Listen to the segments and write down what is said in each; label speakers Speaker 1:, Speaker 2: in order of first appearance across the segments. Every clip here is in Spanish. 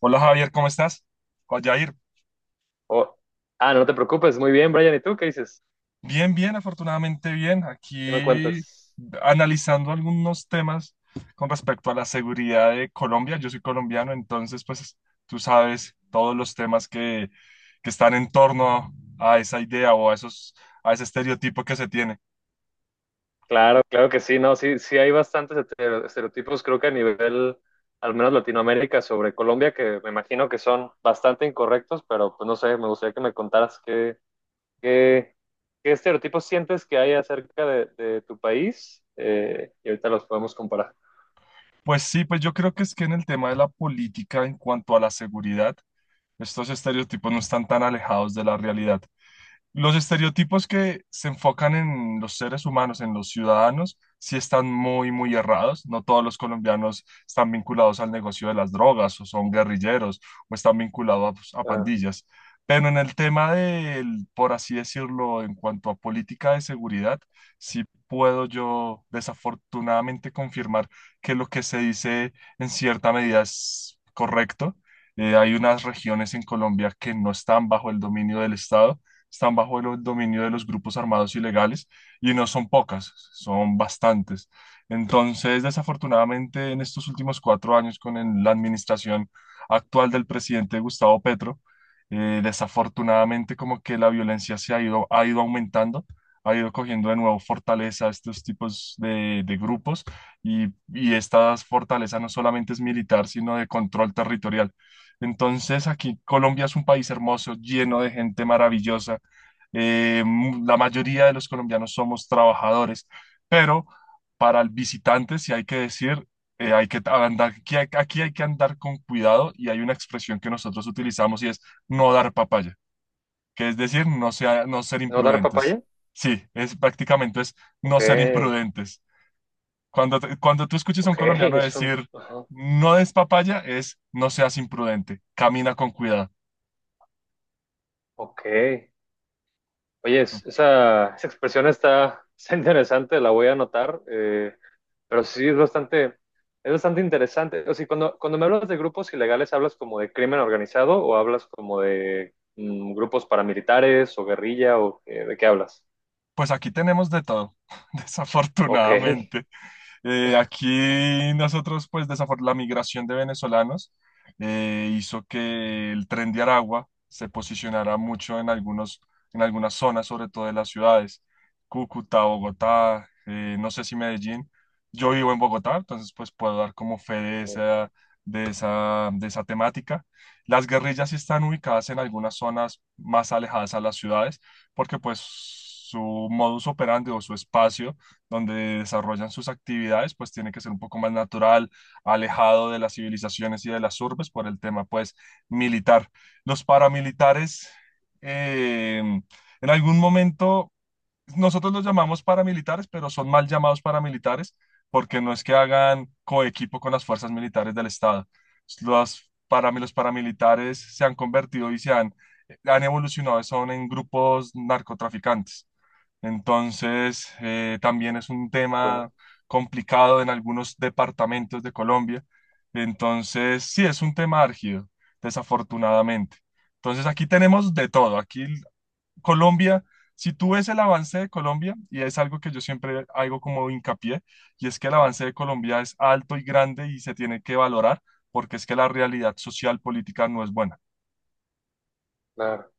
Speaker 1: Hola Javier, ¿cómo estás? Hola Jair.
Speaker 2: O- no te preocupes, muy bien, Brian. ¿Y tú qué dices?
Speaker 1: Bien, bien, afortunadamente bien.
Speaker 2: ¿Qué me
Speaker 1: Aquí
Speaker 2: cuentas?
Speaker 1: analizando algunos temas con respecto a la seguridad de Colombia. Yo soy colombiano, entonces pues tú sabes todos los temas que están en torno a esa idea o a a ese estereotipo que se tiene.
Speaker 2: Claro, claro que sí, no, sí, sí hay bastantes estereotipos, creo que a nivel, al menos Latinoamérica, sobre Colombia, que me imagino que son bastante incorrectos, pero pues no sé, me gustaría que me contaras qué, qué, qué estereotipos sientes que hay acerca de tu país, y ahorita los podemos comparar.
Speaker 1: Pues sí, pues yo creo que es que en el tema de la política en cuanto a la seguridad, estos estereotipos no están tan alejados de la realidad. Los estereotipos que se enfocan en los seres humanos, en los ciudadanos, sí están muy, muy errados. No todos los colombianos están vinculados al negocio de las drogas o son guerrilleros o están vinculados a
Speaker 2: Ah,
Speaker 1: pandillas. Pero en el tema del, por así decirlo, en cuanto a política de seguridad, sí puedo yo desafortunadamente confirmar que lo que se dice en cierta medida es correcto. Hay unas regiones en Colombia que no están bajo el dominio del Estado. Están bajo el dominio de los grupos armados ilegales y no son pocas, son bastantes. Entonces, desafortunadamente, en estos últimos 4 años con la administración actual del presidente Gustavo Petro, desafortunadamente como que la violencia ha ido aumentando, ha ido cogiendo de nuevo fortaleza a estos tipos de grupos y, y esta fortaleza no solamente es militar, sino de control territorial. Entonces aquí Colombia es un país hermoso, lleno de gente maravillosa, la mayoría de los colombianos somos trabajadores, pero para el visitante, si hay que decir, hay que andar, aquí hay que andar con cuidado y hay una expresión que nosotros utilizamos y es no dar papaya, que es decir, no ser
Speaker 2: ¿no dar
Speaker 1: imprudentes.
Speaker 2: papaya?
Speaker 1: Sí, es prácticamente es
Speaker 2: Ok,
Speaker 1: no ser imprudentes. Cuando tú escuches a
Speaker 2: ok,
Speaker 1: un colombiano
Speaker 2: es un,
Speaker 1: decir
Speaker 2: ajá,
Speaker 1: no des papaya, es no seas imprudente, camina con cuidado.
Speaker 2: ok. Oye, esa, esa expresión está, está interesante, la voy a anotar, pero sí es bastante interesante. O sea, cuando, cuando me hablas de grupos ilegales, ¿hablas como de crimen organizado o hablas como de mm, grupos paramilitares o guerrilla o de qué hablas?
Speaker 1: Pues aquí tenemos de todo,
Speaker 2: Ok.
Speaker 1: desafortunadamente. Aquí nosotros, pues la migración de venezolanos hizo que el tren de Aragua se posicionara mucho en en algunas zonas, sobre todo de las ciudades, Cúcuta, Bogotá, no sé si Medellín. Yo vivo en Bogotá, entonces pues puedo dar como fe de esa,
Speaker 2: Ok.
Speaker 1: de esa, de esa temática. Las guerrillas sí están ubicadas en algunas zonas más alejadas a las ciudades porque pues su modus operandi o su espacio donde desarrollan sus actividades pues tiene que ser un poco más natural, alejado de las civilizaciones y de las urbes por el tema pues militar. Los paramilitares eh, en algún momento nosotros los llamamos paramilitares, pero son mal llamados paramilitares porque no es que hagan coequipo con las fuerzas militares del Estado. Los paramilitares se han convertido y han evolucionado, son en grupos narcotraficantes. Entonces, también es un tema
Speaker 2: Claro.
Speaker 1: complicado en algunos departamentos de Colombia. Entonces, sí, es un tema árgido, desafortunadamente. Entonces, aquí tenemos de todo. Aquí Colombia, si tú ves el avance de Colombia, y es algo que yo siempre hago como hincapié, y es que el avance de Colombia es alto y grande y se tiene que valorar porque es que la realidad social política no es buena.
Speaker 2: Claro.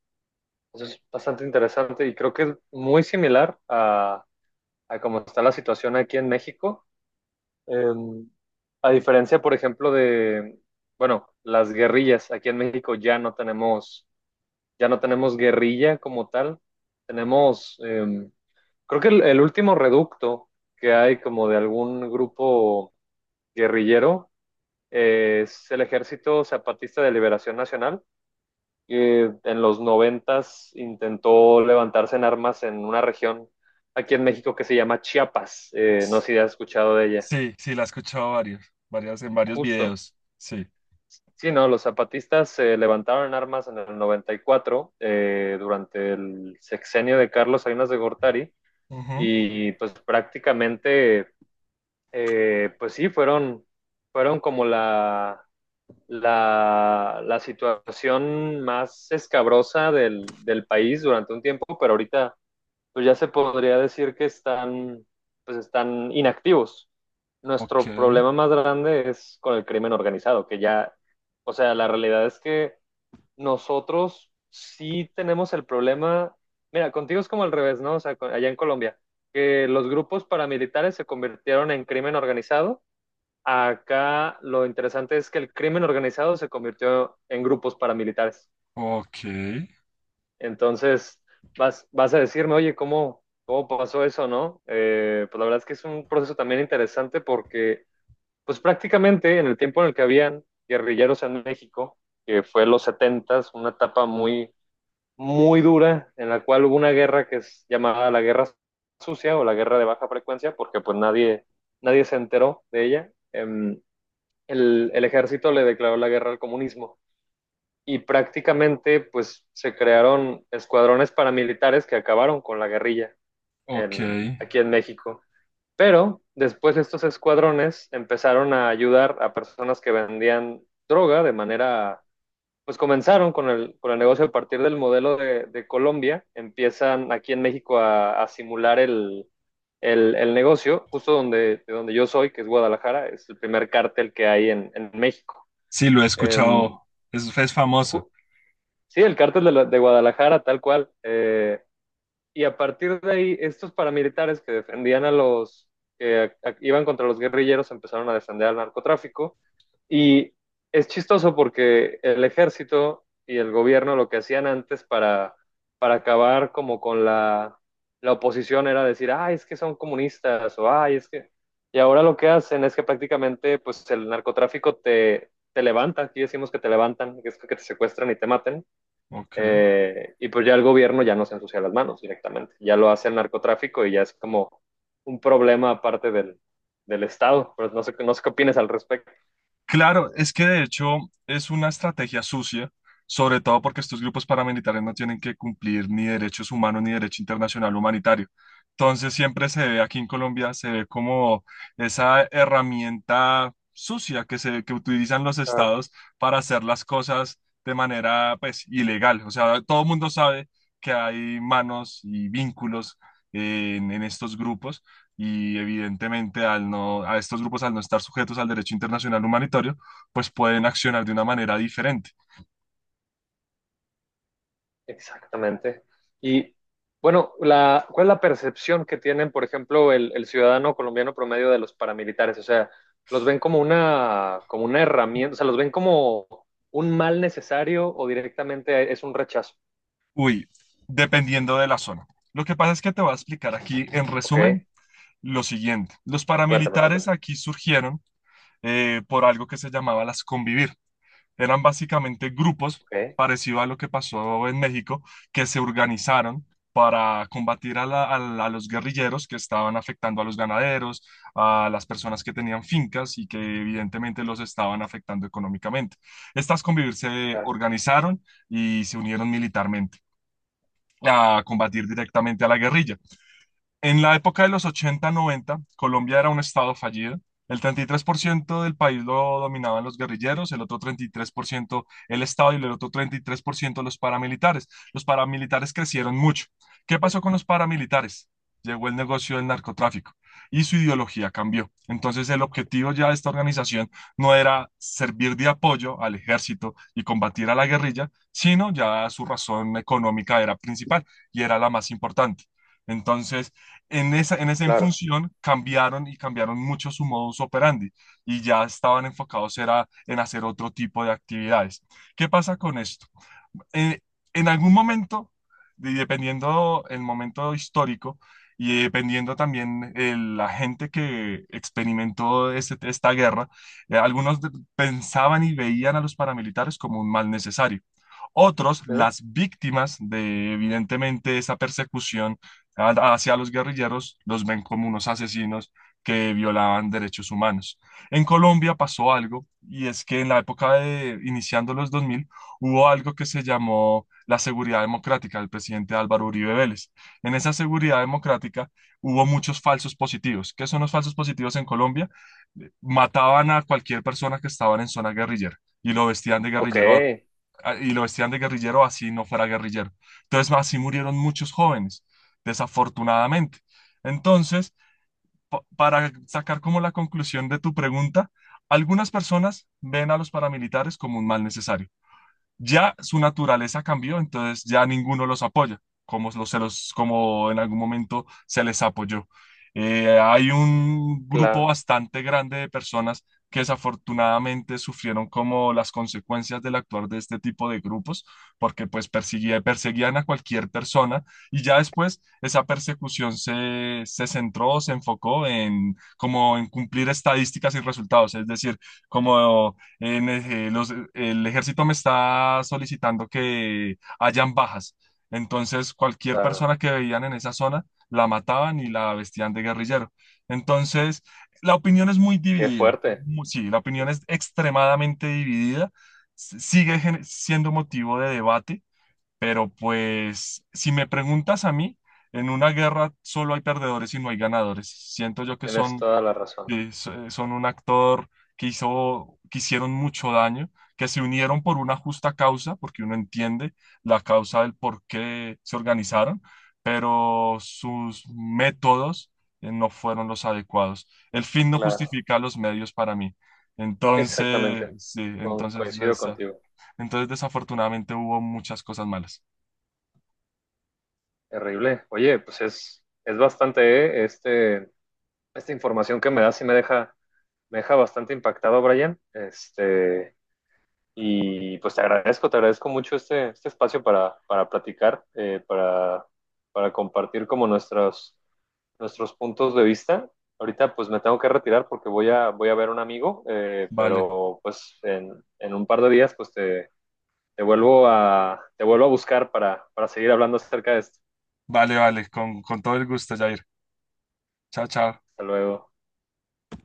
Speaker 2: Eso es bastante interesante y creo que es muy similar a cómo está la situación aquí en México. Em, a diferencia, por ejemplo, de, bueno, las guerrillas, aquí en México ya no tenemos guerrilla como tal. Tenemos, creo que el último reducto que hay como de algún grupo guerrillero es el Ejército Zapatista de Liberación Nacional, que en los noventas intentó levantarse en armas en una región aquí en México que se llama Chiapas. No sé si has escuchado de ella.
Speaker 1: Sí, sí, la he escuchado varias, en varios
Speaker 2: Justo.
Speaker 1: videos. Sí.
Speaker 2: Sí, no, los zapatistas se levantaron en armas en el 94, durante el sexenio de Carlos Salinas de Gortari,
Speaker 1: Ujú.
Speaker 2: y pues prácticamente, pues sí, fueron, fueron como la, la situación más escabrosa del, del país durante un tiempo, pero ahorita pues ya se podría decir que están, pues están inactivos.
Speaker 1: Ok,
Speaker 2: Nuestro problema más grande es con el crimen organizado, que ya, o sea, la realidad es que nosotros sí tenemos el problema, mira, contigo es como al revés, ¿no? O sea, allá en Colombia, que los grupos paramilitares se convirtieron en crimen organizado. Acá lo interesante es que el crimen organizado se convirtió en grupos paramilitares.
Speaker 1: ok,
Speaker 2: Entonces, vas, vas a decirme, oye, ¿cómo, cómo pasó eso, no? Pues la verdad es que es un proceso también interesante porque, pues prácticamente en el tiempo en el que habían guerrilleros en México, que fue los setentas, una etapa muy, muy dura, en la cual hubo una guerra que es llamada la guerra sucia o la guerra de baja frecuencia, porque pues nadie, nadie se enteró de ella. El ejército le declaró la guerra al comunismo y prácticamente pues se crearon escuadrones paramilitares que acabaron con la guerrilla
Speaker 1: ok.
Speaker 2: en, aquí en México. Pero después estos escuadrones empezaron a ayudar a personas que vendían droga de manera, pues comenzaron con el negocio a partir del modelo de Colombia, empiezan aquí en México a simular el negocio, justo donde, de donde yo soy, que es Guadalajara, es el primer cártel que hay en México.
Speaker 1: Sí, lo he
Speaker 2: Eh,
Speaker 1: escuchado. Es famoso.
Speaker 2: ju- Sí, el cártel de, de Guadalajara, tal cual. Y a partir de ahí, estos paramilitares que defendían a los que iban contra los guerrilleros empezaron a defender al narcotráfico. Y es chistoso porque el ejército y el gobierno lo que hacían antes para acabar como con la, la oposición era decir, ay, es que son comunistas o ay, es que... Y ahora lo que hacen es que prácticamente pues el narcotráfico te, te levanta, aquí decimos que te levantan, que es que te secuestran y te maten,
Speaker 1: Ok.
Speaker 2: y pues ya el gobierno ya no se ensucia las manos directamente, ya lo hace el narcotráfico y ya es como un problema aparte del, del Estado, pero no sé, no sé qué opinas al respecto.
Speaker 1: Claro, es que de hecho es una estrategia sucia, sobre todo porque estos grupos paramilitares no tienen que cumplir ni derechos humanos ni derecho internacional humanitario. Entonces siempre se ve aquí en Colombia, se ve como esa herramienta sucia que se que utilizan los
Speaker 2: Ah,
Speaker 1: estados para hacer las cosas de manera pues ilegal. O sea, todo el mundo sabe que hay manos y vínculos en estos grupos y evidentemente al no, a estos grupos al no estar sujetos al derecho internacional humanitario, pues pueden accionar de una manera diferente.
Speaker 2: exactamente. Y bueno, la, ¿cuál es la percepción que tienen, por ejemplo, el ciudadano colombiano promedio de los paramilitares? O sea, ¿los ven como una herramienta? O sea, ¿los ven como un mal necesario o directamente es un rechazo?
Speaker 1: Uy, dependiendo de la zona. Lo que pasa es que te voy a explicar aquí en
Speaker 2: Ok,
Speaker 1: resumen lo siguiente. Los
Speaker 2: cuéntame,
Speaker 1: paramilitares
Speaker 2: cuéntame.
Speaker 1: aquí surgieron por algo que se llamaba las convivir. Eran básicamente grupos,
Speaker 2: Ok,
Speaker 1: parecido a lo que pasó en México, que se organizaron para combatir a los guerrilleros que estaban afectando a los ganaderos, a las personas que tenían fincas y que evidentemente los estaban afectando económicamente. Estas convivir se
Speaker 2: claro,
Speaker 1: organizaron y se unieron militarmente a combatir directamente a la guerrilla. En la época de los ochenta noventa Colombia era un estado fallido. El 33% del país lo dominaban los guerrilleros, el otro 33% el Estado y el otro 33% los paramilitares. Los paramilitares crecieron mucho. ¿Qué pasó
Speaker 2: ok,
Speaker 1: con los paramilitares? Llegó el negocio del narcotráfico y su ideología cambió. Entonces el objetivo ya de esta organización no era servir de apoyo al ejército y combatir a la guerrilla, sino ya su razón económica era principal y era la más importante. Entonces, en esa
Speaker 2: claro.
Speaker 1: función cambiaron y cambiaron mucho su modus operandi y ya estaban enfocados era en hacer otro tipo de actividades. ¿Qué pasa con esto? eh, en algún momento, y dependiendo el momento histórico y dependiendo también la gente que experimentó esta guerra, algunos pensaban y veían a los paramilitares como un mal necesario. Otros,
Speaker 2: Ok.
Speaker 1: las víctimas de evidentemente esa persecución hacia los guerrilleros, los ven como unos asesinos que violaban derechos humanos. En Colombia pasó algo, y es que en la época de iniciando los 2000 hubo algo que se llamó la seguridad democrática del presidente Álvaro Uribe Vélez. En esa seguridad democrática hubo muchos falsos positivos. ¿Qué son los falsos positivos en Colombia? Mataban a cualquier persona que estaban en zona guerrillera y lo vestían de
Speaker 2: Ok,
Speaker 1: guerrillero y lo vestían de guerrillero así no fuera guerrillero. Entonces, así murieron muchos jóvenes, desafortunadamente. Entonces, para sacar como la conclusión de tu pregunta, algunas personas ven a los paramilitares como un mal necesario ya su naturaleza cambió, entonces ya ninguno los apoya, como, los, se los- como en algún momento se les apoyó. Hay un grupo
Speaker 2: claro,
Speaker 1: bastante grande de personas que desafortunadamente sufrieron como las consecuencias del actuar de este tipo de grupos, porque pues perseguían a cualquier persona y ya después esa persecución se centró, se enfocó en como en cumplir estadísticas y resultados, es decir, como el ejército me está solicitando que hayan bajas. Entonces, cualquier
Speaker 2: claro.
Speaker 1: persona que veían en esa zona la mataban y la vestían de guerrillero. Entonces, la opinión es muy
Speaker 2: Qué
Speaker 1: dividida.
Speaker 2: fuerte.
Speaker 1: Sí, la opinión es extremadamente dividida. Sigue siendo motivo de debate, pero pues, si me preguntas a mí, en una guerra solo hay perdedores y no hay ganadores. Siento yo que
Speaker 2: Tienes
Speaker 1: son
Speaker 2: toda la razón.
Speaker 1: eh, so- son un actor que que hicieron mucho daño, que se unieron por una justa causa, porque uno entiende la causa del por qué se organizaron, pero sus métodos no fueron los adecuados. El fin no
Speaker 2: Claro,
Speaker 1: justifica los medios para mí. Entonces,
Speaker 2: exactamente.
Speaker 1: sí, entonces,
Speaker 2: Coincido
Speaker 1: desa-
Speaker 2: contigo.
Speaker 1: entonces desafortunadamente hubo muchas cosas malas.
Speaker 2: Terrible. Oye, pues es bastante, ¿eh? Este, esta información que me das y me deja bastante impactado, Brian. Este, y pues te agradezco mucho este, este espacio para platicar, para compartir como nuestros nuestros puntos de vista. Ahorita pues me tengo que retirar porque voy a, voy a ver a un amigo,
Speaker 1: Vale,
Speaker 2: pero pues en, un par de días pues te, te vuelvo a buscar para seguir hablando acerca de esto.
Speaker 1: vale, vale, con todo el gusto, Jair. Chao, chao.
Speaker 2: Hasta luego.